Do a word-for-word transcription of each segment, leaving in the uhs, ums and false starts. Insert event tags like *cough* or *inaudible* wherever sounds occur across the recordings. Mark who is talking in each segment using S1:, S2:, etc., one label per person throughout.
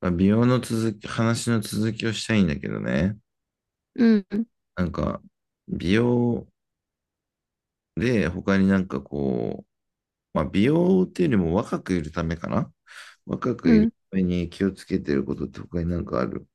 S1: まあ、美容の続き、話の続きをしたいんだけどね。
S2: うん、
S1: なんか、美容で他になんかこう、まあ、美容っていうよりも若くいるためかな。若く
S2: う
S1: いる
S2: ん。
S1: ために気をつけてることって他になんかある？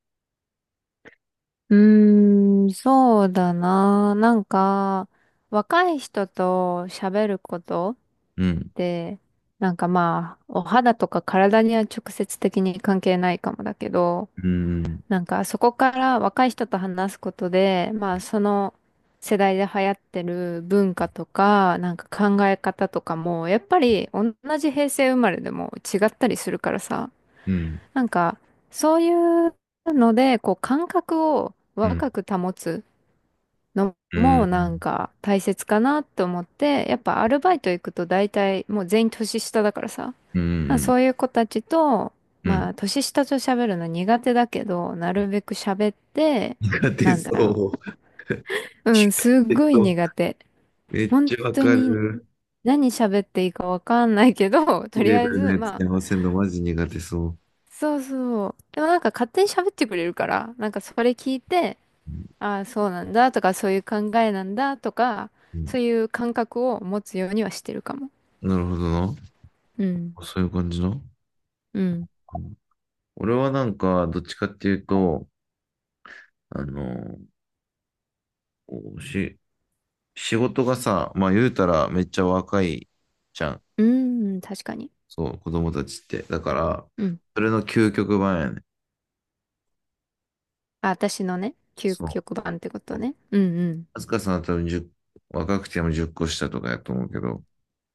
S2: うーん、そうだな。なんか、若い人と喋ることっ
S1: うん、
S2: て、なんかまあ、お肌とか体には直接的に関係ないかもだけど、
S1: うん、
S2: なんかそこから若い人と話すことで、まあその世代で流行ってる文化とか、なんか考え方とかも、やっぱり同じ平成生まれでも違ったりするからさ、
S1: うん、
S2: なんか、そういうので、こう、感覚を
S1: うん、
S2: 若く保つの
S1: うん、
S2: も、なんか、大切かなと思って、やっぱアルバイト行くと大体、もう全員年下だからさ、
S1: う
S2: まあ、
S1: ん、
S2: そういう子たちと、
S1: う
S2: ま
S1: ん。
S2: あ、年下と喋るの苦手だけど、なるべく喋って、
S1: 苦手
S2: なんだろ
S1: そう。
S2: う。うん、
S1: 苦
S2: すっ
S1: 手
S2: ごい
S1: そう。
S2: 苦手。
S1: めっ
S2: 本
S1: ちゃわ
S2: 当
S1: か
S2: に
S1: る。
S2: 何喋っていいかわかんないけど、*laughs* とり
S1: レ
S2: あ
S1: ベ
S2: え
S1: ルの
S2: ず、
S1: やつ
S2: まあ、
S1: に合わせるのマジ苦手そう。
S2: そうそう。でもなんか勝手に喋ってくれるから、なんかそれ聞いて、
S1: うん、
S2: ああ、そうなんだとか、そういう考えなんだとか、そういう感覚を持つようにはしてるかも。
S1: なるほどな。
S2: うん。
S1: そういう感じな。
S2: うん。
S1: 俺はなんか、どっちかっていうと、あの、こうし、仕事がさ、まあ言うたらめっちゃ若いじゃん。
S2: うん、確かに。
S1: そう、子供たちって。だから、
S2: うん。
S1: それの究極版やね。
S2: あ、私のね、究
S1: そ
S2: 極版ってこと
S1: う。
S2: ね。うんうん。
S1: あずかさんは多分じゅう若くてもじゅっこ下とかやと思うけど、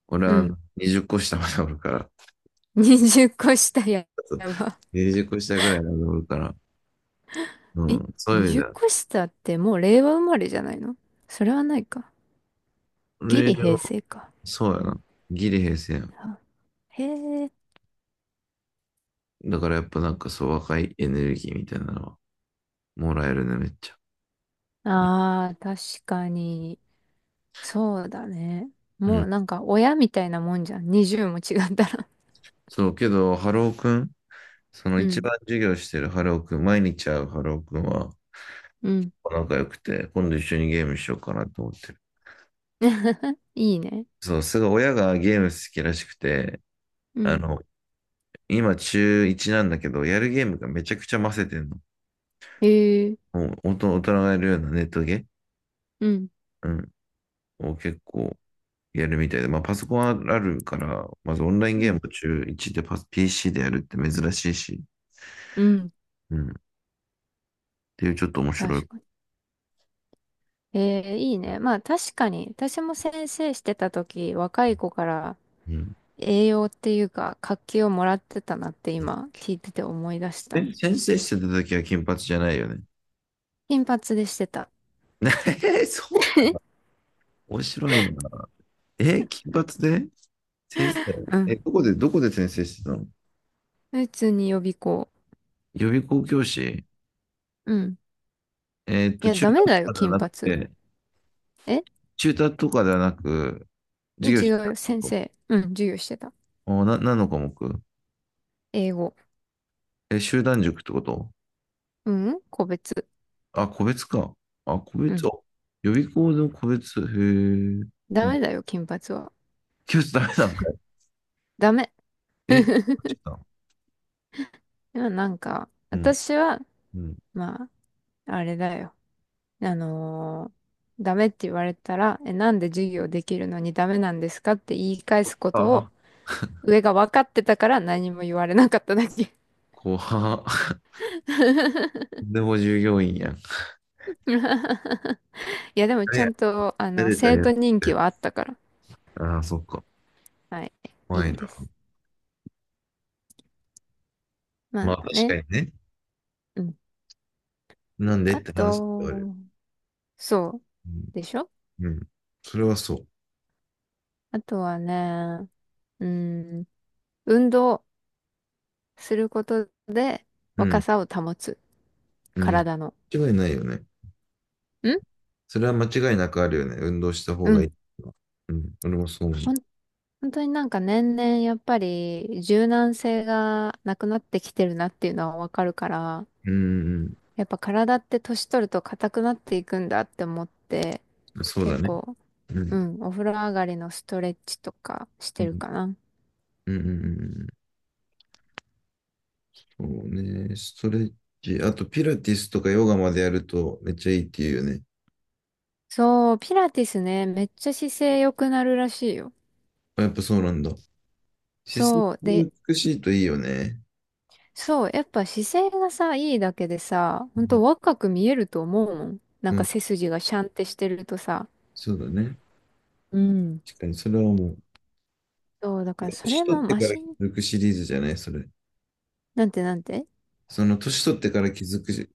S1: 俺
S2: う
S1: はあの
S2: ん。
S1: にじゅっこ下までおるから、
S2: *laughs* にじゅっこ下や、
S1: *laughs*
S2: やば。
S1: にじゅっこ下ぐらいまでおるから、う
S2: え？
S1: ん、そういう意味じ
S2: にじゅう
S1: ゃ、
S2: 個下ってもう令和生まれじゃないの？それはないか。ギ
S1: 俺
S2: リ平
S1: は、
S2: 成か。
S1: そうやな。ギリ平成やん。
S2: あへえ。
S1: だからやっぱなんかそう、若いエネルギーみたいなのはもらえるね、めっちゃ。
S2: ああ、確かに。そうだね。
S1: う
S2: もう
S1: ん。
S2: なんか親みたいなもんじゃん。にじゅうも違ったら。
S1: そう、けど、ハローくん、その
S2: う
S1: 一
S2: ん
S1: 番授業してるハローくん、毎日会うハローくんは
S2: うん。
S1: 仲良くて、今度一緒にゲームしようかなと思ってる。
S2: *laughs* いいね。
S1: そう、すごい親がゲーム好きらしくて、
S2: う
S1: あ
S2: ん。
S1: の、今中いちなんだけど、やるゲームがめちゃくちゃ混せてんの。
S2: へえ。
S1: もう大人大人がやるようなネットゲー、
S2: うん。
S1: うん、を結構やるみたいで、まあパソコンあるから、まずオンライン
S2: う
S1: ゲー
S2: ん。
S1: ムを中いちでパス ピーシー でやるって珍しいし、
S2: うん。
S1: うん、っていうちょっと面白い。
S2: 確かに。ええ、いいね。まあ確かに、私も先生してた時、若い子から
S1: うん。
S2: 栄養っていうか、活気をもらってたなって今聞いてて思い出した。
S1: え、先生してた時は金髪じゃないよね。
S2: 金髪でしてた。
S1: *laughs* えー、そう、
S2: *laughs*
S1: 面白いな。えー、金髪で先生、
S2: うん。
S1: え、どこで、どこで先生してたの？
S2: 普通に予備校。
S1: 予備校教師？
S2: うん。
S1: えーっ
S2: い
S1: と、
S2: や、
S1: 中
S2: ダ
S1: 途
S2: メ
S1: と
S2: だよ、
S1: かでは
S2: 金
S1: なく
S2: 髪。
S1: て、
S2: え、
S1: 中途とかではなく、
S2: 違う、
S1: 授業
S2: ち
S1: してた
S2: が先
S1: こと？
S2: 生。うん、授業してた。
S1: お、な、何の科目？
S2: 英語。
S1: え、集団塾ってこと？
S2: うん、個別。
S1: あ、個別か。あ、個
S2: う
S1: 別、
S2: ん。
S1: あ、予備校の個別、へえ、う
S2: ダ
S1: ん、
S2: メだよ、金髪は。
S1: 教室ダメなんだ。
S2: ダメ。
S1: え、
S2: *laughs*
S1: ちょっと、
S2: でもなんか、
S1: うん、
S2: 私は、
S1: うん。
S2: まあ、あれだよ。あのーダメって言われたら、え、なんで授業できるのにダメなんですかって言い返すこ
S1: あ
S2: とを、
S1: あ、
S2: 上が分かってたから何も言われなかっただけ。
S1: 怖っ。*laughs*
S2: *laughs*
S1: でも従業員やん。
S2: いや、でもちゃんと、あ
S1: 慣
S2: の、
S1: れた
S2: 生
S1: や
S2: 徒
S1: つ。
S2: 人気はあったから、
S1: ああ、そっか。
S2: はい、いい
S1: 怖い
S2: んで
S1: な。
S2: す。
S1: ま
S2: ま
S1: あ、
S2: あ
S1: 確か
S2: ね、
S1: にね。
S2: うん。
S1: なんで
S2: あ
S1: って話ではある。
S2: と、そう、
S1: うん。
S2: でしょ？
S1: うん。それはそ
S2: あとはね、うん、運動。することで
S1: う。う
S2: 若
S1: ん。
S2: さを保つ。
S1: うん。
S2: 体の。
S1: 間違いないよね。
S2: ん
S1: それは間違いなくあるよね。運動した方
S2: う
S1: がいい
S2: ん。
S1: のは。うん。俺もそう思う。
S2: ほん、本当になんか年々やっぱり柔軟性がなくなってきてるなっていうのはわかるから、
S1: うんうん
S2: やっぱ体って年取ると硬くなっていくんだって思って、
S1: うん。そうだ
S2: 結
S1: ね。
S2: 構、
S1: う
S2: う
S1: ん。
S2: ん、お風呂上がりのストレッチとかし
S1: う
S2: てる
S1: ん。
S2: かな。
S1: うんうんうんうん。そうね。ストレッチ。あと、ピラティスとかヨガまでやるとめっちゃいいっていうよね。
S2: そう、ピラティスね、めっちゃ姿勢良くなるらしいよ。
S1: あ、やっぱそうなんだ。姿勢
S2: そう。で、
S1: が美しいといいよね。
S2: そう、やっぱ姿勢がさ、いいだけでさ、
S1: う
S2: ほん
S1: ん。
S2: と若く見えると思うもん。な
S1: う
S2: んか
S1: ん、
S2: 背筋がシャンってしてるとさ。
S1: そうだね。
S2: うん。
S1: 確かに、それはもう。
S2: そう、だから
S1: 年
S2: それ
S1: 取
S2: も
S1: って
S2: マ
S1: から気
S2: シン、
S1: づくシリーズじゃないそれ？
S2: なんてなんて
S1: その年取ってから気づく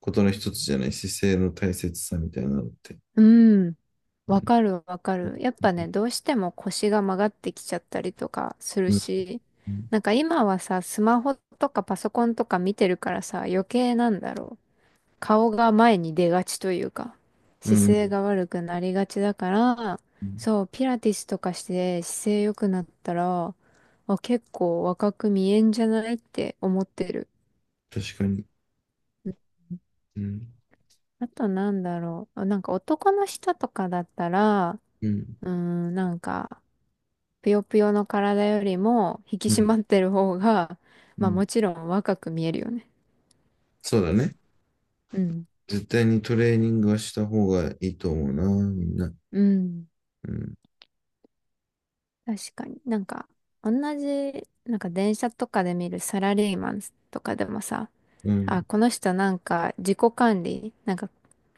S1: ことの一つじゃない、姿勢の大切さみたいなのって。
S2: うん、
S1: う
S2: わ
S1: ん。
S2: かるわかる。やっぱね、どうしても腰が曲がってきちゃったりとかする
S1: うん。
S2: し、なんか今はさ、スマホとかパソコンとか見てるからさ、余計なんだろう。顔が前に出がちというか、
S1: う
S2: 姿勢
S1: ん
S2: が悪くなりがちだから、
S1: うん、
S2: そう、ピラティスとかして姿勢良くなったら、あ、結構若く見えんじゃないって思ってる。
S1: 確かに。
S2: うん。
S1: うん。
S2: あとなんだろう。あなんか男の人とかだったら、
S1: うん。
S2: うーん、なんか、ぷよぷよの体よりも引き
S1: う
S2: 締
S1: ん。
S2: まってる方が、
S1: う
S2: まあ
S1: ん、
S2: もちろん若く見えるよね。
S1: そうだね。
S2: うん。
S1: 絶対にトレーニングはした方がいいと思うな、みんな。
S2: うん。
S1: うん。
S2: 確かに。なんか、同じ、なんか電車とかで見るサラリーマンとかでもさ、
S1: う
S2: あ、
S1: ん。
S2: この人なんか自己管理、なんか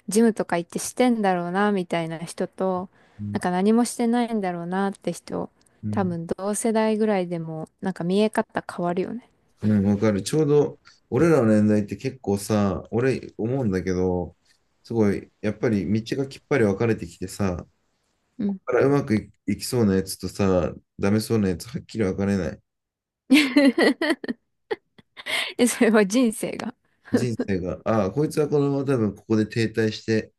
S2: ジムとか行ってしてんだろうな、みたいな人と、
S1: う
S2: な
S1: ん。
S2: んか何もしてないんだろうなって人、
S1: う
S2: 多
S1: ん。
S2: 分同世代ぐらいでも、なんか見え方変わるよね。
S1: うん、わかる。ちょうど、俺らの年代って結構さ、俺思うんだけど、すごい、やっぱり道がきっぱり分かれてきてさ、
S2: うん。
S1: からうまくい、いきそうなやつとさ、ダメそうなやつはっきり分かれない？
S2: *laughs* え、それは人生が？
S1: 人生が、ああ、こいつはこのまま多分ここで停滞して、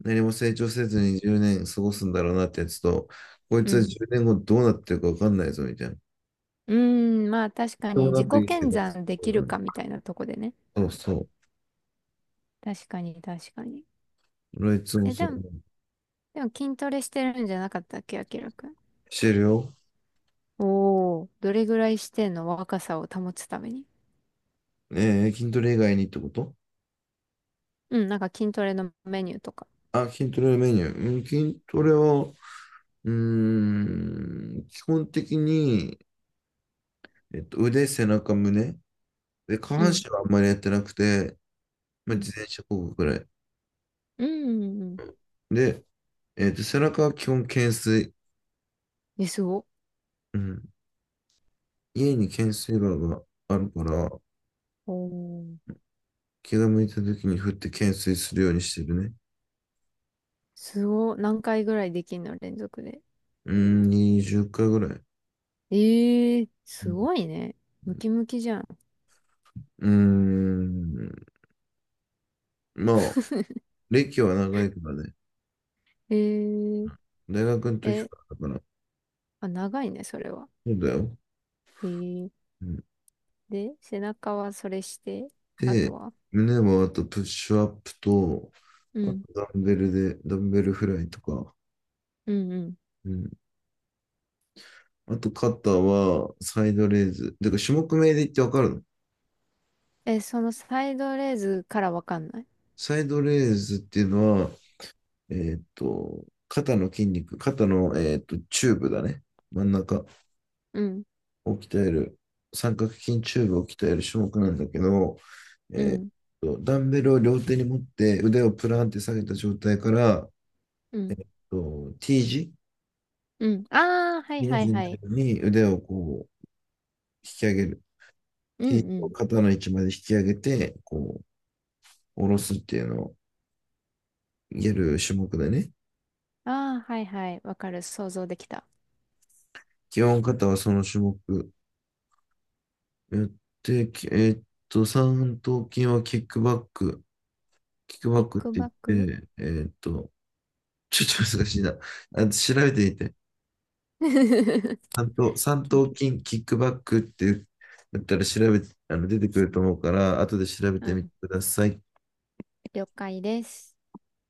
S1: 何も成長せずにじゅうねん過ごすんだろうなってやつと、こい
S2: う
S1: つは
S2: ん。
S1: じゅうねんごどうなってるか分かんないぞみたいな。
S2: うーん、まあ確か
S1: とも
S2: に自
S1: な
S2: 己
S1: くいい生
S2: 検
S1: 活
S2: 算で
S1: そう
S2: きる
S1: だね。
S2: かみたいなとこでね。
S1: そうそう。
S2: 確かに、確かに。
S1: 俺はいつも
S2: え、
S1: そ
S2: で
S1: う
S2: も
S1: 思う。
S2: でも筋トレしてるんじゃなかったっけ、あきらくん。
S1: してるよ。
S2: おー。どれぐらいしてんの？若さを保つために。
S1: ねえー、筋トレ以外にってこと？
S2: うん、なんか筋トレのメニューとか。
S1: あ、筋トレのメニュー。うん、筋トレは、うーん、基本的に、えっと、腕、背中、胸。で、下
S2: う
S1: 半
S2: ん。
S1: 身はあんまりやってなくて、ま
S2: う
S1: あ、
S2: ん。
S1: 自転車こぐくらい。
S2: うん。うんうん。
S1: で、えっと、背中は基本懸垂。
S2: え、すご。
S1: うん。家に懸垂バーがあるから、
S2: おー。
S1: 気が向いた時に振って懸垂するようにしてるね。
S2: すご。何回ぐらいできんの連続で？
S1: うーん、にじゅっかいぐらい。
S2: えー、
S1: う
S2: す
S1: ん。
S2: ごいね。ムキムキじゃん。
S1: うーん。まあ、
S2: *laughs*
S1: 歴は長いからね。
S2: えー、
S1: 大学の時か
S2: え、
S1: らだから。
S2: あ、長いね、それは。
S1: そうだよ。
S2: えー、
S1: うん。
S2: で、背中はそれして、あと
S1: で、
S2: は。
S1: 胸もあとプッシュアップと、
S2: う
S1: あと
S2: ん。
S1: ダンベルで、ダンベルフライとか。
S2: うん。うん。
S1: うん、あと肩はサイドレーズ。だから種目名で言ってわかるの？
S2: え、そのサイドレーズからわかんない。
S1: サイドレーズっていうのは、えっと、肩の筋肉、肩の、えっと、チューブだね。真ん中
S2: うん。
S1: を鍛える、三角筋チューブを鍛える種目なんだけど、
S2: う
S1: えっ
S2: ん。
S1: と、ダンベルを両手に持って腕をプランって下げた状態から、
S2: うん。
S1: と T 字、
S2: うん。ああ、はい
S1: ひの
S2: はい
S1: 字に
S2: は
S1: なる
S2: い。
S1: ように腕をこう引き上げる。
S2: うんうん。
S1: 肩の位置まで引き上げて、こう、下ろすっていうのをやる種目だね。
S2: ああ、はいはい。わかる。想像できた。
S1: 基本肩はその種目やって、きえーっと、三頭筋はキックバック。キック
S2: キ
S1: バ
S2: ッ
S1: ックっ
S2: ク
S1: て言っ
S2: バック。
S1: て、えーっと、ちょっと難しいな。あ、調べてみて。
S2: *laughs*
S1: 三頭、三
S2: キック。
S1: 頭筋、キックバックって言ったら調べ、あの、出てくると思うから、後で調べ
S2: *laughs* う
S1: てみて
S2: ん。
S1: ください。
S2: 了解です。